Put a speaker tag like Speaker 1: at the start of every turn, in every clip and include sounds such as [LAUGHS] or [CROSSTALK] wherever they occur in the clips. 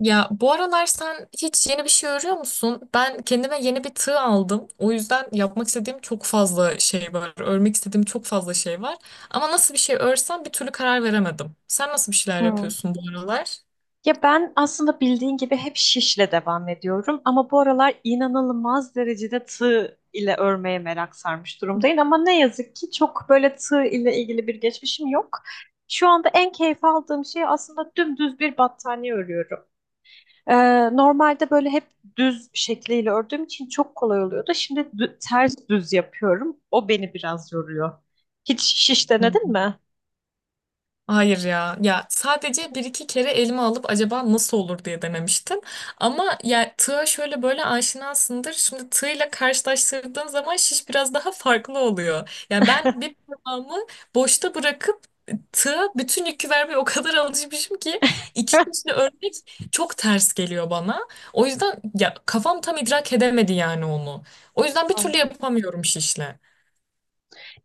Speaker 1: Ya bu aralar sen hiç yeni bir şey örüyor musun? Ben kendime yeni bir tığ aldım. O yüzden yapmak istediğim çok fazla şey var. Örmek istediğim çok fazla şey var. Ama nasıl bir şey örsem bir türlü karar veremedim. Sen nasıl bir şeyler
Speaker 2: Hı.
Speaker 1: yapıyorsun bu aralar?
Speaker 2: Ya ben aslında bildiğin gibi hep şişle devam ediyorum ama bu aralar inanılmaz derecede tığ ile örmeye merak sarmış durumdayım ama ne yazık ki çok böyle tığ ile ilgili bir geçmişim yok. Şu anda en keyif aldığım şey aslında dümdüz bir battaniye örüyorum. Ee, normalde böyle hep düz şekliyle ördüğüm için çok kolay oluyordu. Şimdi ters düz yapıyorum. O beni biraz yoruyor. Hiç şiş denedin mi?
Speaker 1: Hayır ya. Ya sadece bir iki kere elime alıp acaba nasıl olur diye denemiştim. Ama ya tığa şöyle böyle aşinasındır. Şimdi tığla karşılaştırdığın zaman şiş biraz daha farklı oluyor. Yani ben bir parmağımı boşta bırakıp tığa bütün yükü vermeye o kadar alışmışım ki iki kişi örmek çok ters geliyor bana. O yüzden ya kafam tam idrak edemedi yani onu. O yüzden bir türlü
Speaker 2: [LAUGHS]
Speaker 1: yapamıyorum şişle.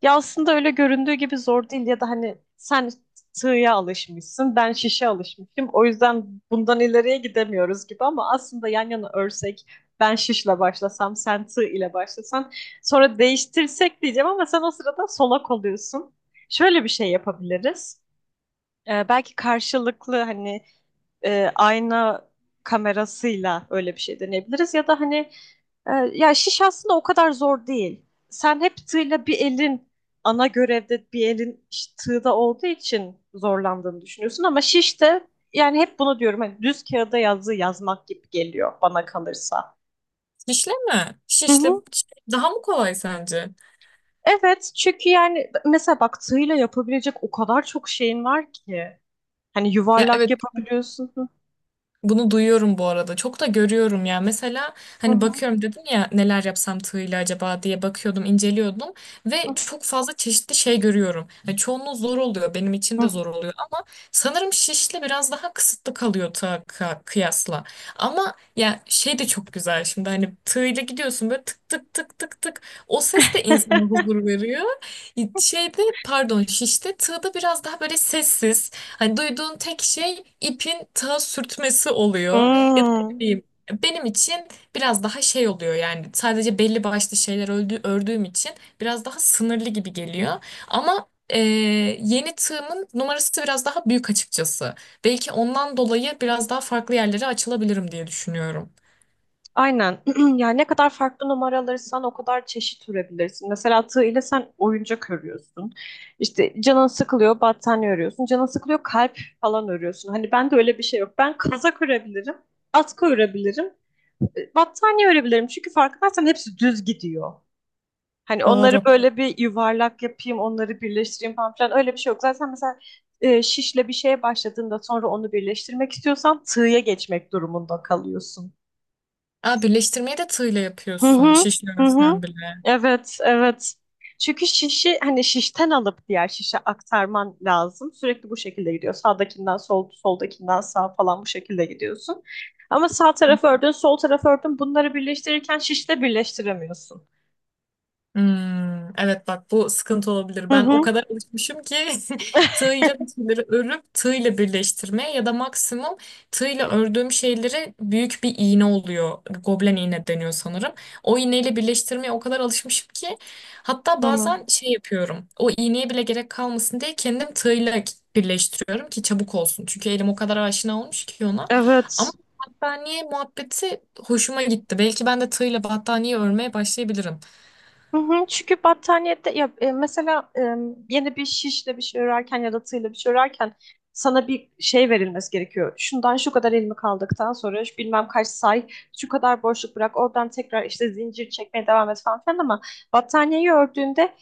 Speaker 2: Ya aslında öyle göründüğü gibi zor değil ya da hani sen sığıya alışmışsın, ben şişe alışmışım. O yüzden bundan ileriye gidemiyoruz gibi ama aslında yan yana örsek ben şişle başlasam, sen tığ ile başlasan sonra değiştirsek diyeceğim ama sen o sırada solak oluyorsun. Şöyle bir şey yapabiliriz. Belki karşılıklı hani ayna kamerasıyla öyle bir şey deneyebiliriz. Ya da hani ya şiş aslında o kadar zor değil. Sen hep tığla bir elin ana görevde bir elin işte tığda olduğu için zorlandığını düşünüyorsun ama şiş de yani hep bunu diyorum hani düz kağıda yazı yazmak gibi geliyor bana kalırsa.
Speaker 1: Şişle mi?
Speaker 2: Hı
Speaker 1: Şişle
Speaker 2: hı.
Speaker 1: daha mı kolay sence?
Speaker 2: Evet, çünkü yani mesela bak tığla yapabilecek o kadar çok şeyin var ki. Hani
Speaker 1: Ya,
Speaker 2: yuvarlak
Speaker 1: evet.
Speaker 2: yapabiliyorsun. Hı
Speaker 1: Bunu duyuyorum bu arada. Çok da görüyorum ya. Mesela hani
Speaker 2: hı.
Speaker 1: bakıyorum dedim ya neler yapsam tığıyla acaba diye bakıyordum, inceliyordum ve
Speaker 2: Hı
Speaker 1: çok fazla çeşitli şey görüyorum. Yani çoğunluğu zor oluyor. Benim için
Speaker 2: hı.
Speaker 1: de
Speaker 2: Hı.
Speaker 1: zor oluyor ama sanırım şişle biraz daha kısıtlı kalıyor tığa kıyasla. Ama ya şey de çok güzel şimdi hani tığıyla gidiyorsun böyle tık tık tık tık tık. O ses de insana
Speaker 2: [LAUGHS]
Speaker 1: huzur veriyor. Şeyde pardon şişte tığda biraz daha böyle sessiz. Hani duyduğun tek şey ipin tığa sürtmesi oluyor. Ya da ne
Speaker 2: Hmm.
Speaker 1: bileyim, benim için biraz daha şey oluyor yani sadece belli başlı şeyler ördüğüm için biraz daha sınırlı gibi geliyor. Ama yeni tığımın numarası biraz daha büyük açıkçası. Belki ondan dolayı biraz daha farklı yerlere açılabilirim diye düşünüyorum.
Speaker 2: Aynen. [CLEARS THROAT] Yani ne kadar farklı numara alırsan o kadar çeşit ürebilirsin. Mesela tığ ile sen oyuncak örüyorsun. İşte canın sıkılıyor, battaniye örüyorsun. Canın sıkılıyor, kalp falan örüyorsun. Hani ben de öyle bir şey yok. Ben kazak örebilirim, atkı örebilirim, battaniye örebilirim. Çünkü fark edersen hepsi düz gidiyor. Hani onları
Speaker 1: Doğru.
Speaker 2: böyle bir yuvarlak yapayım, onları birleştireyim falan filan öyle bir şey yok. Zaten mesela şişle bir şeye başladığında sonra onu birleştirmek istiyorsan tığya geçmek durumunda kalıyorsun.
Speaker 1: Aa, birleştirmeyi de tığla
Speaker 2: Hı
Speaker 1: yapıyorsun
Speaker 2: hı,
Speaker 1: şişli
Speaker 2: hı hı.
Speaker 1: örsen bile.
Speaker 2: Evet, evet. Çünkü şişi hani şişten alıp diğer şişe aktarman lazım. Sürekli bu şekilde gidiyor. Sağdakinden sol, soldakinden sağ falan bu şekilde gidiyorsun. Ama sağ tarafı ördün, sol tarafı ördün. Bunları birleştirirken şişle birleştiremiyorsun.
Speaker 1: Hmm, evet bak bu sıkıntı olabilir.
Speaker 2: Hı
Speaker 1: Ben o
Speaker 2: hı.
Speaker 1: kadar alışmışım ki [LAUGHS] tığıyla bir şeyleri örüp tığıyla birleştirmeye ya da maksimum tığıyla ördüğüm şeyleri büyük bir iğne oluyor. Goblen iğne deniyor sanırım. O iğneyle birleştirmeye o kadar alışmışım ki hatta
Speaker 2: Hı.
Speaker 1: bazen şey yapıyorum. O iğneye bile gerek kalmasın diye kendim tığıyla birleştiriyorum ki çabuk olsun. Çünkü elim o kadar aşina olmuş ki ona. Ama
Speaker 2: Evet.
Speaker 1: battaniye muhabbeti hoşuma gitti. Belki ben de tığıyla battaniye örmeye başlayabilirim.
Speaker 2: Hı hı, çünkü battaniyede ya mesela yeni bir şişle bir şey örerken ya da tığla bir şey örerken sana bir şey verilmesi gerekiyor. Şundan şu kadar ilmek aldıktan sonra şu bilmem kaç say, şu kadar boşluk bırak, oradan tekrar işte zincir çekmeye devam et falan filan ama battaniyeyi ördüğünde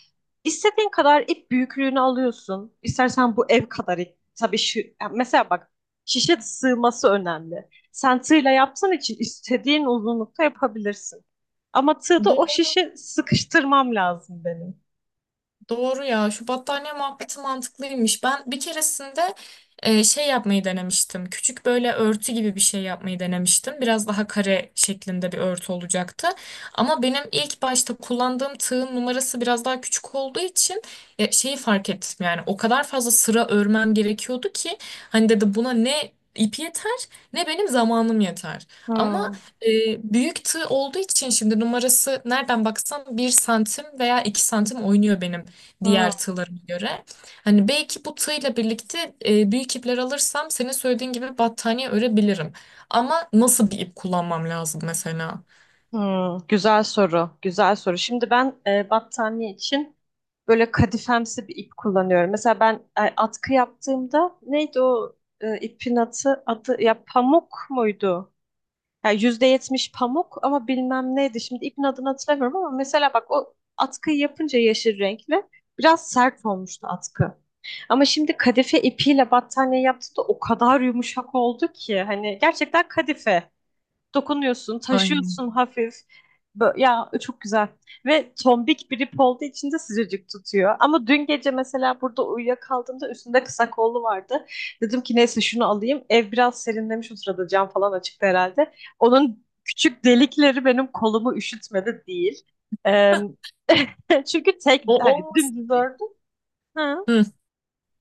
Speaker 2: istediğin kadar ip büyüklüğünü alıyorsun. İstersen bu ev kadar ip. Tabii şu, yani mesela bak şişe sığması önemli. Sen tığla yaptığın için istediğin uzunlukta yapabilirsin. Ama tığda o şişi sıkıştırmam lazım benim.
Speaker 1: Doğru ya, şu battaniye muhabbeti mantıklıymış. Ben bir keresinde şey yapmayı denemiştim. Küçük böyle örtü gibi bir şey yapmayı denemiştim. Biraz daha kare şeklinde bir örtü olacaktı. Ama benim ilk başta kullandığım tığın numarası biraz daha küçük olduğu için şeyi fark ettim. Yani o kadar fazla sıra örmem gerekiyordu ki hani dedi buna ne ip yeter ne benim zamanım yeter. Ama
Speaker 2: Hmm.
Speaker 1: e, büyük tığ olduğu için şimdi numarası nereden baksan 1 santim veya 2 santim oynuyor benim diğer
Speaker 2: Hmm.
Speaker 1: tığlarıma göre. Hani belki bu tığla birlikte büyük ipler alırsam senin söylediğin gibi battaniye örebilirim. Ama nasıl bir ip kullanmam lazım mesela?
Speaker 2: Hmm. Güzel soru, güzel soru. Şimdi ben battaniye için böyle kadifemsi bir ip kullanıyorum. Mesela ben atkı yaptığımda neydi o ipin adı, adı ya pamuk muydu? Yani %70 pamuk ama bilmem neydi. Şimdi ipin adını hatırlamıyorum ama mesela bak o atkıyı yapınca yeşil renkli biraz sert olmuştu atkı. Ama şimdi kadife ipiyle battaniye yaptı da o kadar yumuşak oldu ki hani gerçekten kadife. Dokunuyorsun,
Speaker 1: Aynen.
Speaker 2: taşıyorsun hafif. Ya çok güzel. Ve tombik bir ip olduğu için de sıcacık tutuyor. Ama dün gece mesela burada uyuyakaldığımda üstünde kısa kollu vardı. Dedim ki neyse şunu alayım. Ev biraz serinlemiş o sırada cam falan açıktı herhalde. Onun küçük delikleri benim kolumu üşütmedi değil. Eee, [LAUGHS] Çünkü tek
Speaker 1: O
Speaker 2: hani
Speaker 1: olmasın
Speaker 2: dümdüz ördüm. Ha.
Speaker 1: Hı,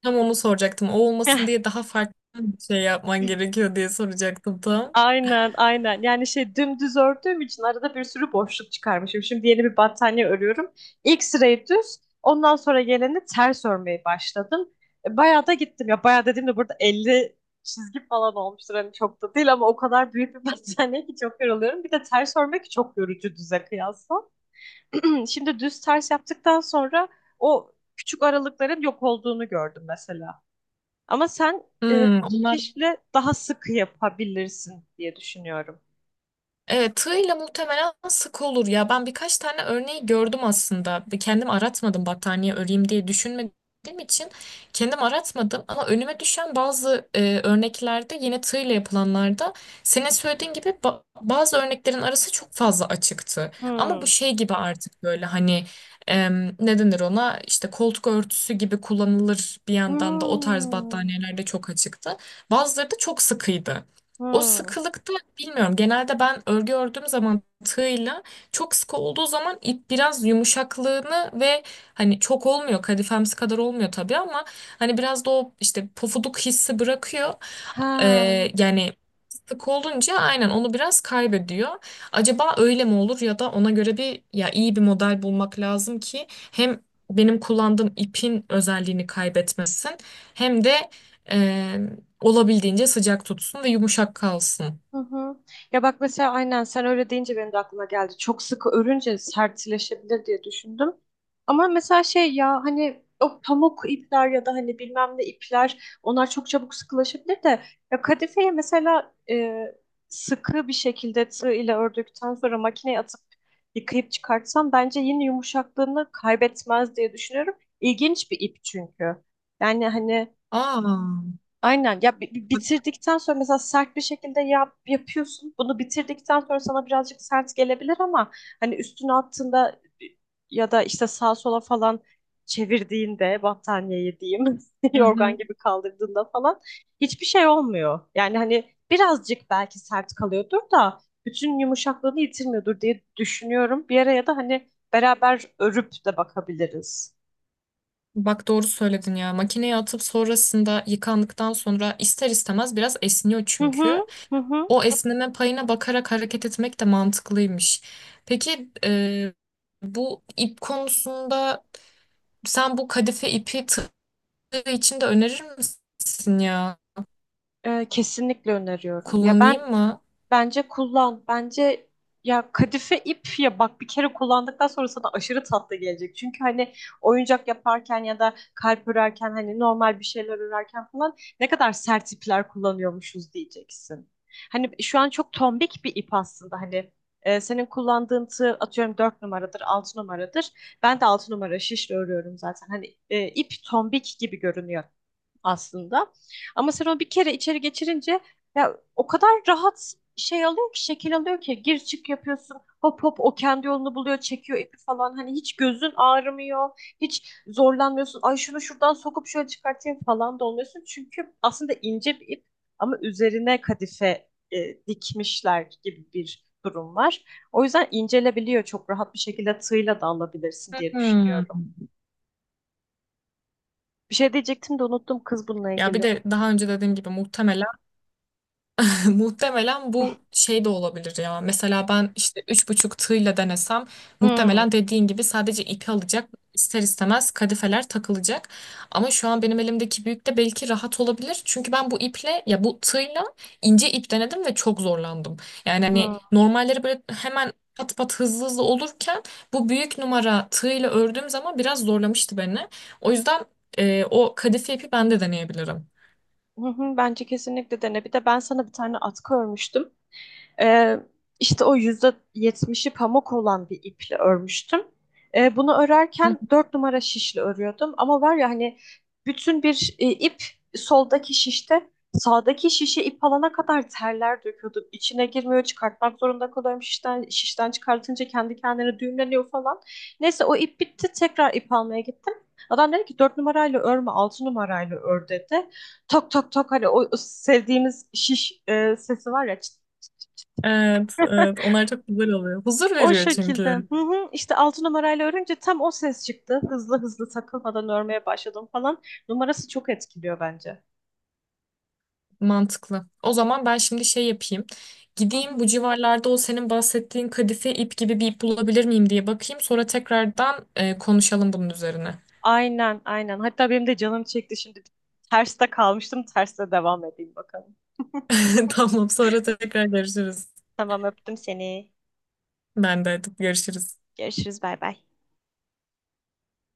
Speaker 1: tam onu soracaktım. O olmasın
Speaker 2: [LAUGHS]
Speaker 1: diye daha farklı bir şey yapman gerekiyor diye soracaktım tam.
Speaker 2: Aynen, aynen. Yani şey dümdüz ördüğüm için arada bir sürü boşluk çıkarmışım. Şimdi yeni bir battaniye örüyorum. İlk sırayı düz, ondan sonra geleni ters örmeye başladım. Bayağı da gittim ya. Bayağı dediğimde burada 50 çizgi falan olmuştur. Hani çok da değil ama o kadar büyük bir [LAUGHS] battaniye ki çok yoruluyorum. Bir de ters örmek çok yorucu düze kıyasla. [CLEARS THROAT] Şimdi düz ters yaptıktan sonra o küçük aralıkların yok olduğunu gördüm mesela. Ama sen e,
Speaker 1: Hmm, onlar.
Speaker 2: şişle daha sık yapabilirsin diye düşünüyorum.
Speaker 1: Evet, tığıyla muhtemelen sık olur ya. Ben birkaç tane örneği gördüm aslında. Kendim aratmadım battaniye öreyim diye düşünmediğim için kendim aratmadım. Ama önüme düşen bazı örneklerde yine tığıyla yapılanlarda senin söylediğin gibi bazı örneklerin arası çok fazla açıktı. Ama bu
Speaker 2: Hmm.
Speaker 1: şey gibi artık böyle hani ne denir ona, işte koltuk örtüsü gibi kullanılır bir yandan da, o tarz
Speaker 2: Hmm.
Speaker 1: battaniyelerde çok açıktı. Bazıları da çok sıkıydı. O
Speaker 2: Hmm.
Speaker 1: sıkılıkta bilmiyorum. Genelde ben örgü ördüğüm zaman tığla çok sıkı olduğu zaman ip biraz yumuşaklığını ve hani çok olmuyor kadifemsi kadar olmuyor tabii ama hani biraz da o işte pofuduk hissi bırakıyor.
Speaker 2: Ha.
Speaker 1: Yani sık olunca aynen onu biraz kaybediyor. Acaba öyle mi olur ya da ona göre bir ya iyi bir model bulmak lazım ki hem benim kullandığım ipin özelliğini kaybetmesin hem de olabildiğince sıcak tutsun ve yumuşak kalsın.
Speaker 2: Hı hı. Ya bak mesela aynen sen öyle deyince benim de aklıma geldi. Çok sıkı örünce sertleşebilir diye düşündüm. Ama mesela şey ya hani o pamuk ipler ya da hani bilmem ne ipler onlar çok çabuk sıkılaşabilir de ya kadifeyi mesela sıkı bir şekilde tığ ile ördükten sonra makineye atıp yıkayıp çıkartsam bence yine yumuşaklığını kaybetmez diye düşünüyorum. İlginç bir ip çünkü. Yani hani
Speaker 1: Aa,
Speaker 2: aynen ya bitirdikten sonra mesela sert bir şekilde yap, yapıyorsun. Bunu bitirdikten sonra sana birazcık sert gelebilir ama hani üstüne attığında ya da işte sağa sola falan çevirdiğinde battaniyeyi diyeyim [LAUGHS]
Speaker 1: hı
Speaker 2: yorgan
Speaker 1: hı.
Speaker 2: gibi kaldırdığında falan hiçbir şey olmuyor. Yani hani birazcık belki sert kalıyordur da bütün yumuşaklığını yitirmiyordur diye düşünüyorum. Bir araya da hani beraber örüp de bakabiliriz.
Speaker 1: Bak doğru söyledin ya. Makineye atıp sonrasında yıkandıktan sonra ister istemez biraz esniyor
Speaker 2: Hı
Speaker 1: çünkü.
Speaker 2: hı, hı hı.
Speaker 1: O esneme payına bakarak hareket etmek de mantıklıymış. Peki bu ip konusunda sen bu kadife ipi tığ için de önerir misin ya?
Speaker 2: Kesinlikle öneriyorum.
Speaker 1: Kullanayım mı?
Speaker 2: Bence kullan. Bence ya kadife ip ya bak bir kere kullandıktan sonra sana aşırı tatlı gelecek. Çünkü hani oyuncak yaparken ya da kalp örerken hani normal bir şeyler örerken falan ne kadar sert ipler kullanıyormuşuz diyeceksin. Hani şu an çok tombik bir ip aslında hani senin kullandığın tığ atıyorum 4 numaradır 6 numaradır. Ben de 6 numara şişle örüyorum zaten. Hani ip tombik gibi görünüyor aslında. Ama sen onu bir kere içeri geçirince ya o kadar rahat şey alıyor ki şekil alıyor ki gir çık yapıyorsun. Hop hop o kendi yolunu buluyor, çekiyor ipi falan. Hani hiç gözün ağrımıyor. Hiç zorlanmıyorsun. Ay şunu şuradan sokup şöyle çıkartayım falan da olmuyorsun. Çünkü aslında ince bir ip ama üzerine kadife dikmişler gibi bir durum var. O yüzden incelebiliyor çok rahat bir şekilde tığla da alabilirsin diye
Speaker 1: Hmm.
Speaker 2: düşünüyorum. Bir şey diyecektim de unuttum kız bununla
Speaker 1: Ya bir
Speaker 2: ilgili.
Speaker 1: de daha önce dediğim gibi muhtemelen bu şey de olabilir ya. Mesela ben işte 3,5 tığla denesem
Speaker 2: Hmm,
Speaker 1: muhtemelen dediğin gibi sadece ipi alacak. İster istemez kadifeler takılacak. Ama şu an benim elimdeki büyük de belki rahat olabilir. Çünkü ben bu iple ya bu tığla ince ip denedim ve çok zorlandım. Yani hani
Speaker 2: hmm.
Speaker 1: normalleri böyle hemen pat pat hızlı hızlı olurken bu büyük numara tığla ördüğüm zaman biraz zorlamıştı beni. O yüzden o kadife ipi ben de deneyebilirim.
Speaker 2: Hı hı, bence kesinlikle dene. Bir de ben sana bir tane atkı örmüştüm. Ee, işte o %70'i pamuk olan bir iple örmüştüm. Bunu örerken 4 numara şişle örüyordum. Ama var ya hani bütün bir ip soldaki şişte sağdaki şişe ip alana kadar terler döküyordum. İçine girmiyor çıkartmak zorunda kalıyorum. Şişten, şişten çıkartınca kendi kendine düğümleniyor falan. Neyse o ip bitti tekrar ip almaya gittim. Adam dedi ki 4 numarayla örme, 6 numarayla ör dedi. Tok tok tok hani o sevdiğimiz şiş sesi var ya çıt.
Speaker 1: Evet, evet.
Speaker 2: [LAUGHS]
Speaker 1: Onlar çok güzel oluyor. Huzur
Speaker 2: O
Speaker 1: veriyor
Speaker 2: şekilde. Hı
Speaker 1: çünkü.
Speaker 2: hı. İşte 6 numarayla örünce tam o ses çıktı. Hızlı hızlı takılmadan örmeye başladım falan. Numarası çok etkiliyor bence.
Speaker 1: Mantıklı. O zaman ben şimdi şey yapayım.
Speaker 2: Hı
Speaker 1: Gideyim
Speaker 2: hı.
Speaker 1: bu civarlarda o senin bahsettiğin kadife ip gibi bir ip bulabilir miyim diye bakayım. Sonra tekrardan konuşalım bunun üzerine.
Speaker 2: Aynen, aynen. Hatta benim de canım çekti şimdi. Terste kalmıştım. Terste devam edeyim bakalım. [LAUGHS]
Speaker 1: [LAUGHS] Tamam, sonra tekrar görüşürüz.
Speaker 2: Tamam, öptüm seni.
Speaker 1: Ben de hadi görüşürüz.
Speaker 2: Görüşürüz. Bay bay.